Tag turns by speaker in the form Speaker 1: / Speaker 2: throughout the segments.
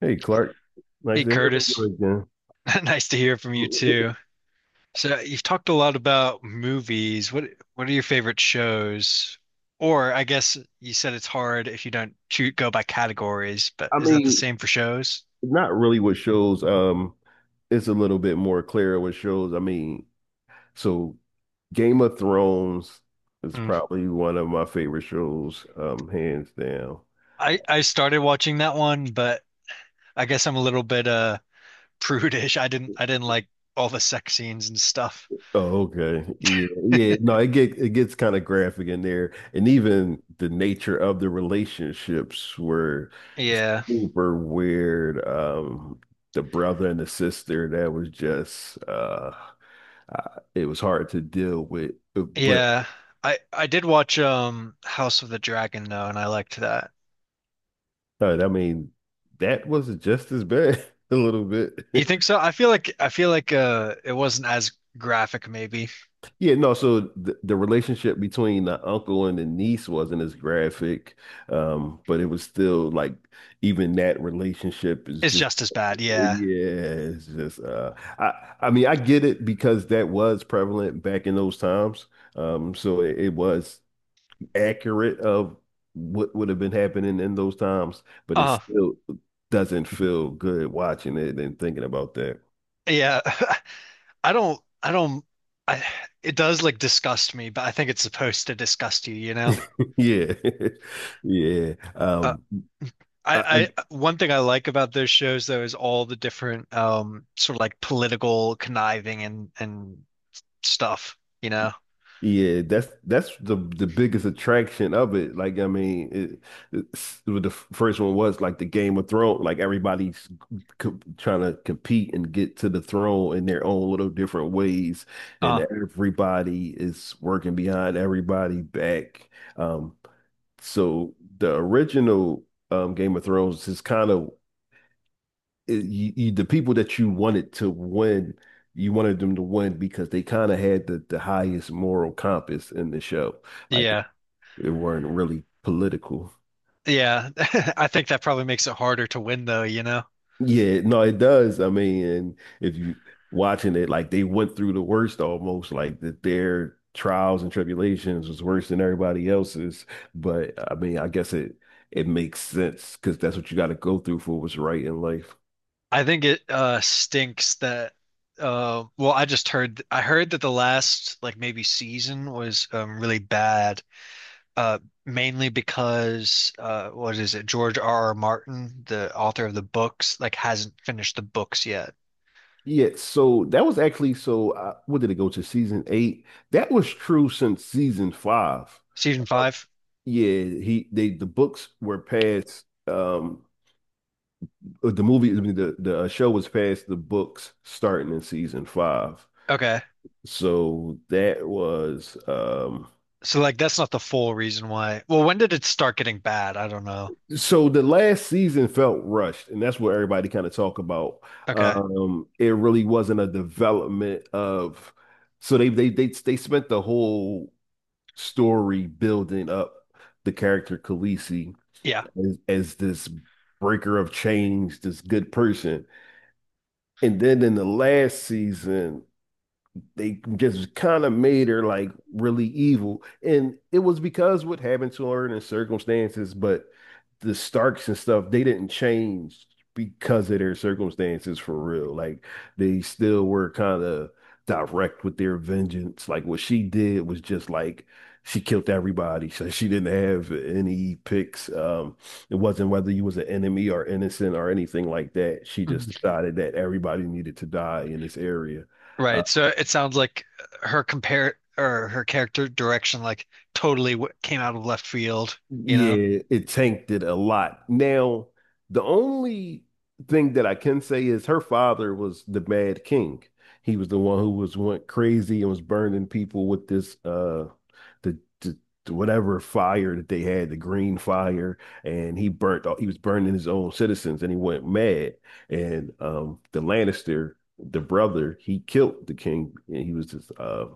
Speaker 1: Hey, Clark. Nice
Speaker 2: Hey
Speaker 1: to hear from
Speaker 2: Curtis,
Speaker 1: you
Speaker 2: nice to hear from you
Speaker 1: again.
Speaker 2: too. So you've talked a lot about movies. What are your favorite shows? Or I guess you said it's hard if you don't shoot go by categories, but
Speaker 1: I
Speaker 2: is that the
Speaker 1: mean,
Speaker 2: same for shows?
Speaker 1: not really what shows. It's a little bit more clear what shows. So Game of Thrones is
Speaker 2: Hmm.
Speaker 1: probably one of my favorite shows, hands down.
Speaker 2: I started watching that one, but I guess I'm a little bit prudish. I didn't like all the sex scenes and stuff.
Speaker 1: Oh, okay. Yeah, yeah. No, it gets kind of graphic in there, and even the nature of the relationships were
Speaker 2: Yeah.
Speaker 1: super weird. The brother and the sister that was just it was hard to deal with. But
Speaker 2: Yeah. I did watch House of the Dragon though, and I liked that.
Speaker 1: uh, I mean, that was just as bad a little bit.
Speaker 2: You think so? I feel like it wasn't as graphic maybe.
Speaker 1: Yeah, no. So the relationship between the uncle and the niece wasn't as graphic, but it was still like even that relationship is
Speaker 2: It's
Speaker 1: just
Speaker 2: just as bad. Yeah.
Speaker 1: yeah, it's just I I mean I get it because that was prevalent back in those times. So it was accurate of what would have been happening in those times, but it
Speaker 2: Uh
Speaker 1: still doesn't feel good watching it and thinking about that.
Speaker 2: yeah. I don't I it does like disgust me, but I think it's supposed to disgust you, you know?
Speaker 1: Yeah. Yeah.
Speaker 2: Uh,
Speaker 1: I
Speaker 2: I one thing I like about those shows though is all the different sort of like political conniving and stuff, you know?
Speaker 1: yeah, that's the biggest attraction of it. Well, the first one was like the Game of Thrones, like everybody's co trying to compete and get to the throne in their own little different ways,
Speaker 2: Uh
Speaker 1: and everybody is working behind everybody back. Um So the original Game of Thrones is kind of the people that you wanted to win, you wanted them to win because they kind of had the highest moral compass in the show. Like
Speaker 2: yeah.
Speaker 1: they weren't really political.
Speaker 2: Yeah. I think that probably makes it harder to win though, you know?
Speaker 1: Yeah, no, it does. I mean, and if you watching it, like they went through the worst almost, like that their trials and tribulations was worse than everybody else's. But I mean, I guess it makes sense because that's what you got to go through for what's right in life.
Speaker 2: I think it stinks that well I just heard I heard that the last like maybe season was really bad uh mainly because what is it George R. R. Martin the author of the books like hasn't finished the books yet.
Speaker 1: Yeah, so that was actually so. What did it go to season eight? That was true since season five.
Speaker 2: Season
Speaker 1: Uh,
Speaker 2: five?
Speaker 1: yeah, he they the books were past, the movie I mean, the show was past the books starting in season five.
Speaker 2: Okay.
Speaker 1: So that was
Speaker 2: So like that's not the full reason why. Well, when did it start getting bad? I don't know.
Speaker 1: so the last season felt rushed, and that's what everybody kind of talk about.
Speaker 2: Okay.
Speaker 1: It really wasn't a development of. So they spent the whole story building up the character Khaleesi
Speaker 2: Yeah.
Speaker 1: as this breaker of chains, this good person. And then in the last season, they just kind of made her like really evil. And it was because what happened to her and the circumstances, but the Starks and stuff, they didn't change because of their circumstances for real. Like they still were kind of direct with their vengeance. Like what she did was just like she killed everybody. So she didn't have any picks. It wasn't whether you was an enemy or innocent or anything like that. She just decided that everybody needed to die in this area.
Speaker 2: Right. So it sounds like her compare or her character direction like totally w came out of left field, you know?
Speaker 1: Yeah, it tanked it a lot. Now, the only thing that I can say is her father was the Mad King. He was the one who was went crazy and was burning people with this the, the the whatever fire that they had, the green fire, and he burnt all, he was burning his own citizens and he went mad. And the Lannister, the brother, he killed the king and he was just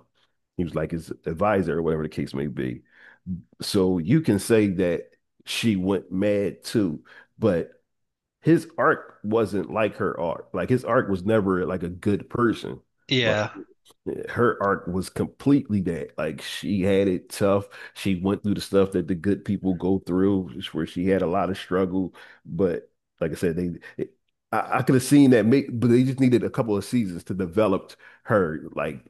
Speaker 1: he was like his advisor or whatever the case may be. So you can say that she went mad too, but his arc wasn't like her arc. Like his arc was never like a good person. Like
Speaker 2: Yeah.
Speaker 1: her arc was completely that. Like she had it tough. She went through the stuff that the good people go through, just where she had a lot of struggle. But like I said, I could have seen that make, but they just needed a couple of seasons to develop her. Like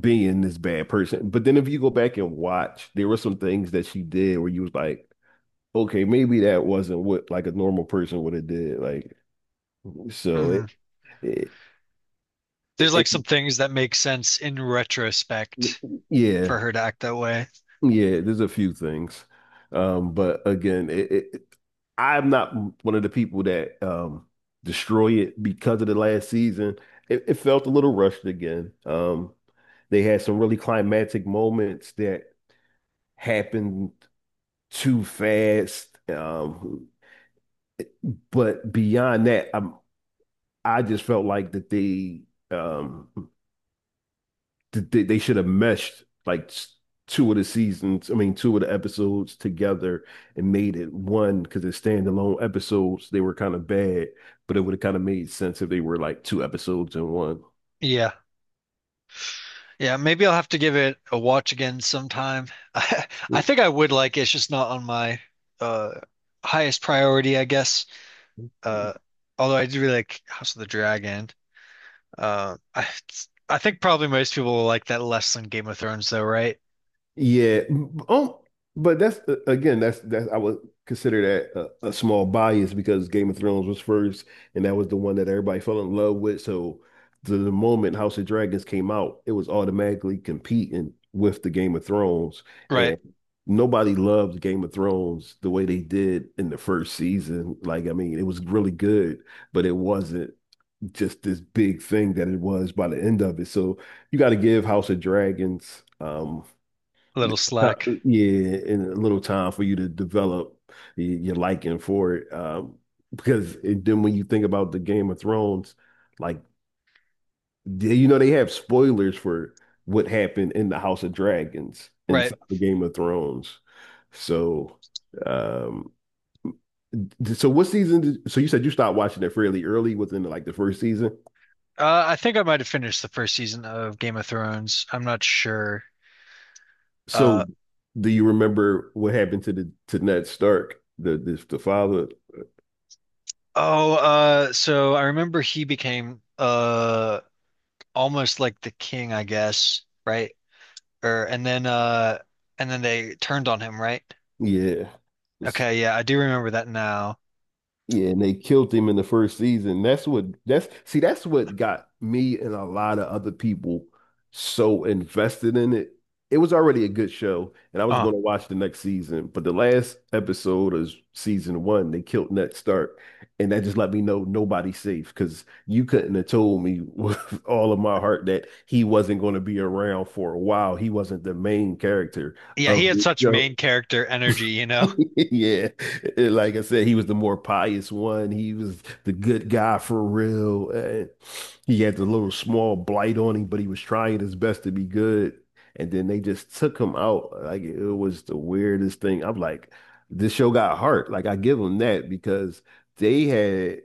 Speaker 1: being this bad person. But then if you go back and watch, there were some things that she did where you was like, okay, maybe that wasn't what like a normal person would have did. Like so
Speaker 2: Mm.
Speaker 1: it it
Speaker 2: There's like
Speaker 1: it-
Speaker 2: some things that make sense in retrospect
Speaker 1: yeah,
Speaker 2: for her to act that way.
Speaker 1: yeah, there's a few things. But again, it I'm not one of the people that destroy it because of the last season. It felt a little rushed again. They had some really climactic moments that happened too fast. But beyond that, I just felt like that they um they should have meshed like two of the seasons, I mean two of the episodes together and made it one because they're standalone episodes. They were kind of bad, but it would have kind of made sense if they were like two episodes in one.
Speaker 2: Yeah. Yeah, maybe I'll have to give it a watch again sometime. I, I think I would like it. It's just not on my uh highest priority, I guess. Uh although I do really like House of the Dragon. Uh I I think probably most people will like that less than Game of Thrones though, right?
Speaker 1: Yeah. Um, but that's again, that's I would consider that a small bias because Game of Thrones was first, and that was the one that everybody fell in love with. So the moment House of Dragons came out, it was automatically competing with the Game of Thrones,
Speaker 2: Right.
Speaker 1: and nobody loved Game of Thrones the way they did in the first season. Like, I mean, it was really good, but it wasn't just this big thing that it was by the end of it. So you got to give House of Dragons.
Speaker 2: A little
Speaker 1: Uh,
Speaker 2: slack.
Speaker 1: Yeah, and a little time for you to develop your liking for it. Then when you think about the Game of Thrones, like they, you know they have spoilers for what happened in the House of Dragons
Speaker 2: Right.
Speaker 1: inside the Game of Thrones. So, um, so you said you stopped watching it fairly early within like the first season.
Speaker 2: I think I might have finished the first season of Game of Thrones. I'm not sure. Uh,
Speaker 1: So, do you remember what happened to the to Ned Stark, the father?
Speaker 2: oh, so I remember he became almost like the king, I guess, right? Or and then they turned on him, right?
Speaker 1: Yeah.
Speaker 2: Okay, yeah, I do remember that now.
Speaker 1: Yeah, and they killed him in the first season. That's what got me and a lot of other people so invested in it. It was already a good show, and I was
Speaker 2: Uh,
Speaker 1: going to watch the next season, but the last episode of season one, they killed Ned Stark, and that just let me know nobody's safe because you couldn't have told me with all of my heart that he wasn't going to be around for a while. He wasn't the main character
Speaker 2: yeah, he
Speaker 1: of
Speaker 2: had
Speaker 1: the
Speaker 2: such
Speaker 1: show.
Speaker 2: main character energy, you know.
Speaker 1: Yeah, like I said, he was the more pious one. He was the good guy for real. And he had the little small blight on him, but he was trying his best to be good. And then they just took him out. Like it was the weirdest thing. I'm like, this show got heart. Like I give them that because they had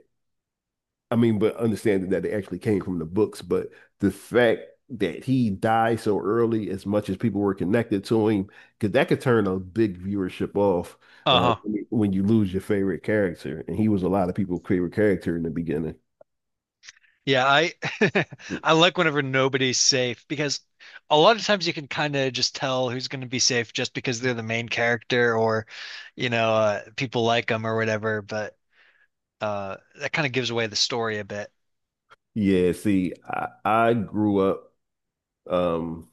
Speaker 1: I mean, but understanding that they actually came from the books, but the fact that he died so early, as much as people were connected to him, because that could turn a big viewership off uh,
Speaker 2: Uh-huh.
Speaker 1: when you lose your favorite character. And he was a lot of people's favorite character in the beginning.
Speaker 2: Yeah, I
Speaker 1: Mm.
Speaker 2: I like whenever nobody's safe because a lot of times you can kind of just tell who's going to be safe just because they're the main character or you know people like them or whatever. But that kind of gives away the story a bit.
Speaker 1: Yeah, see, I grew up um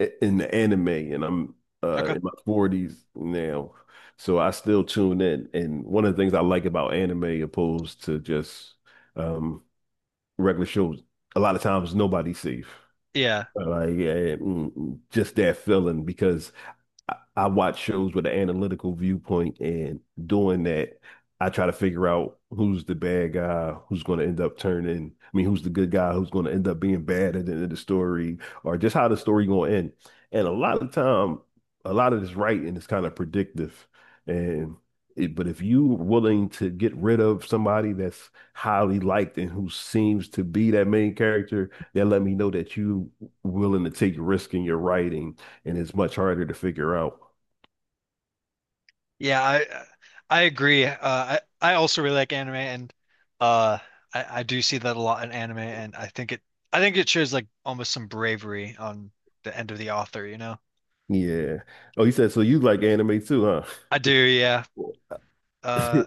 Speaker 1: in the anime and I'm
Speaker 2: Okay.
Speaker 1: in my 40s now. So I still tune in. And one of the things I like about anime opposed to just um regular shows, a lot of times nobody's safe.
Speaker 2: Yeah,
Speaker 1: Like yeah, just that feeling because I watch shows with an analytical viewpoint, and doing that, I try to figure out who's the bad guy, who's going to end up turning. I mean, who's the good guy, who's going to end up being bad at the end of the story, or just how the story going to end. And a lot of time, a lot of this writing is kind of predictive, and it, but if you willing to get rid of somebody that's highly liked and who seems to be that main character, that let me know that you willing to take risk in your writing and it's much harder to figure out.
Speaker 2: yeah, I agree. I also really like anime and uh, I do see that a lot in anime and I think it shows like almost some bravery on the end of the author. You know,
Speaker 1: Yeah. Oh, you said so you like anime too,
Speaker 2: I do. Yeah.
Speaker 1: huh?
Speaker 2: Uh,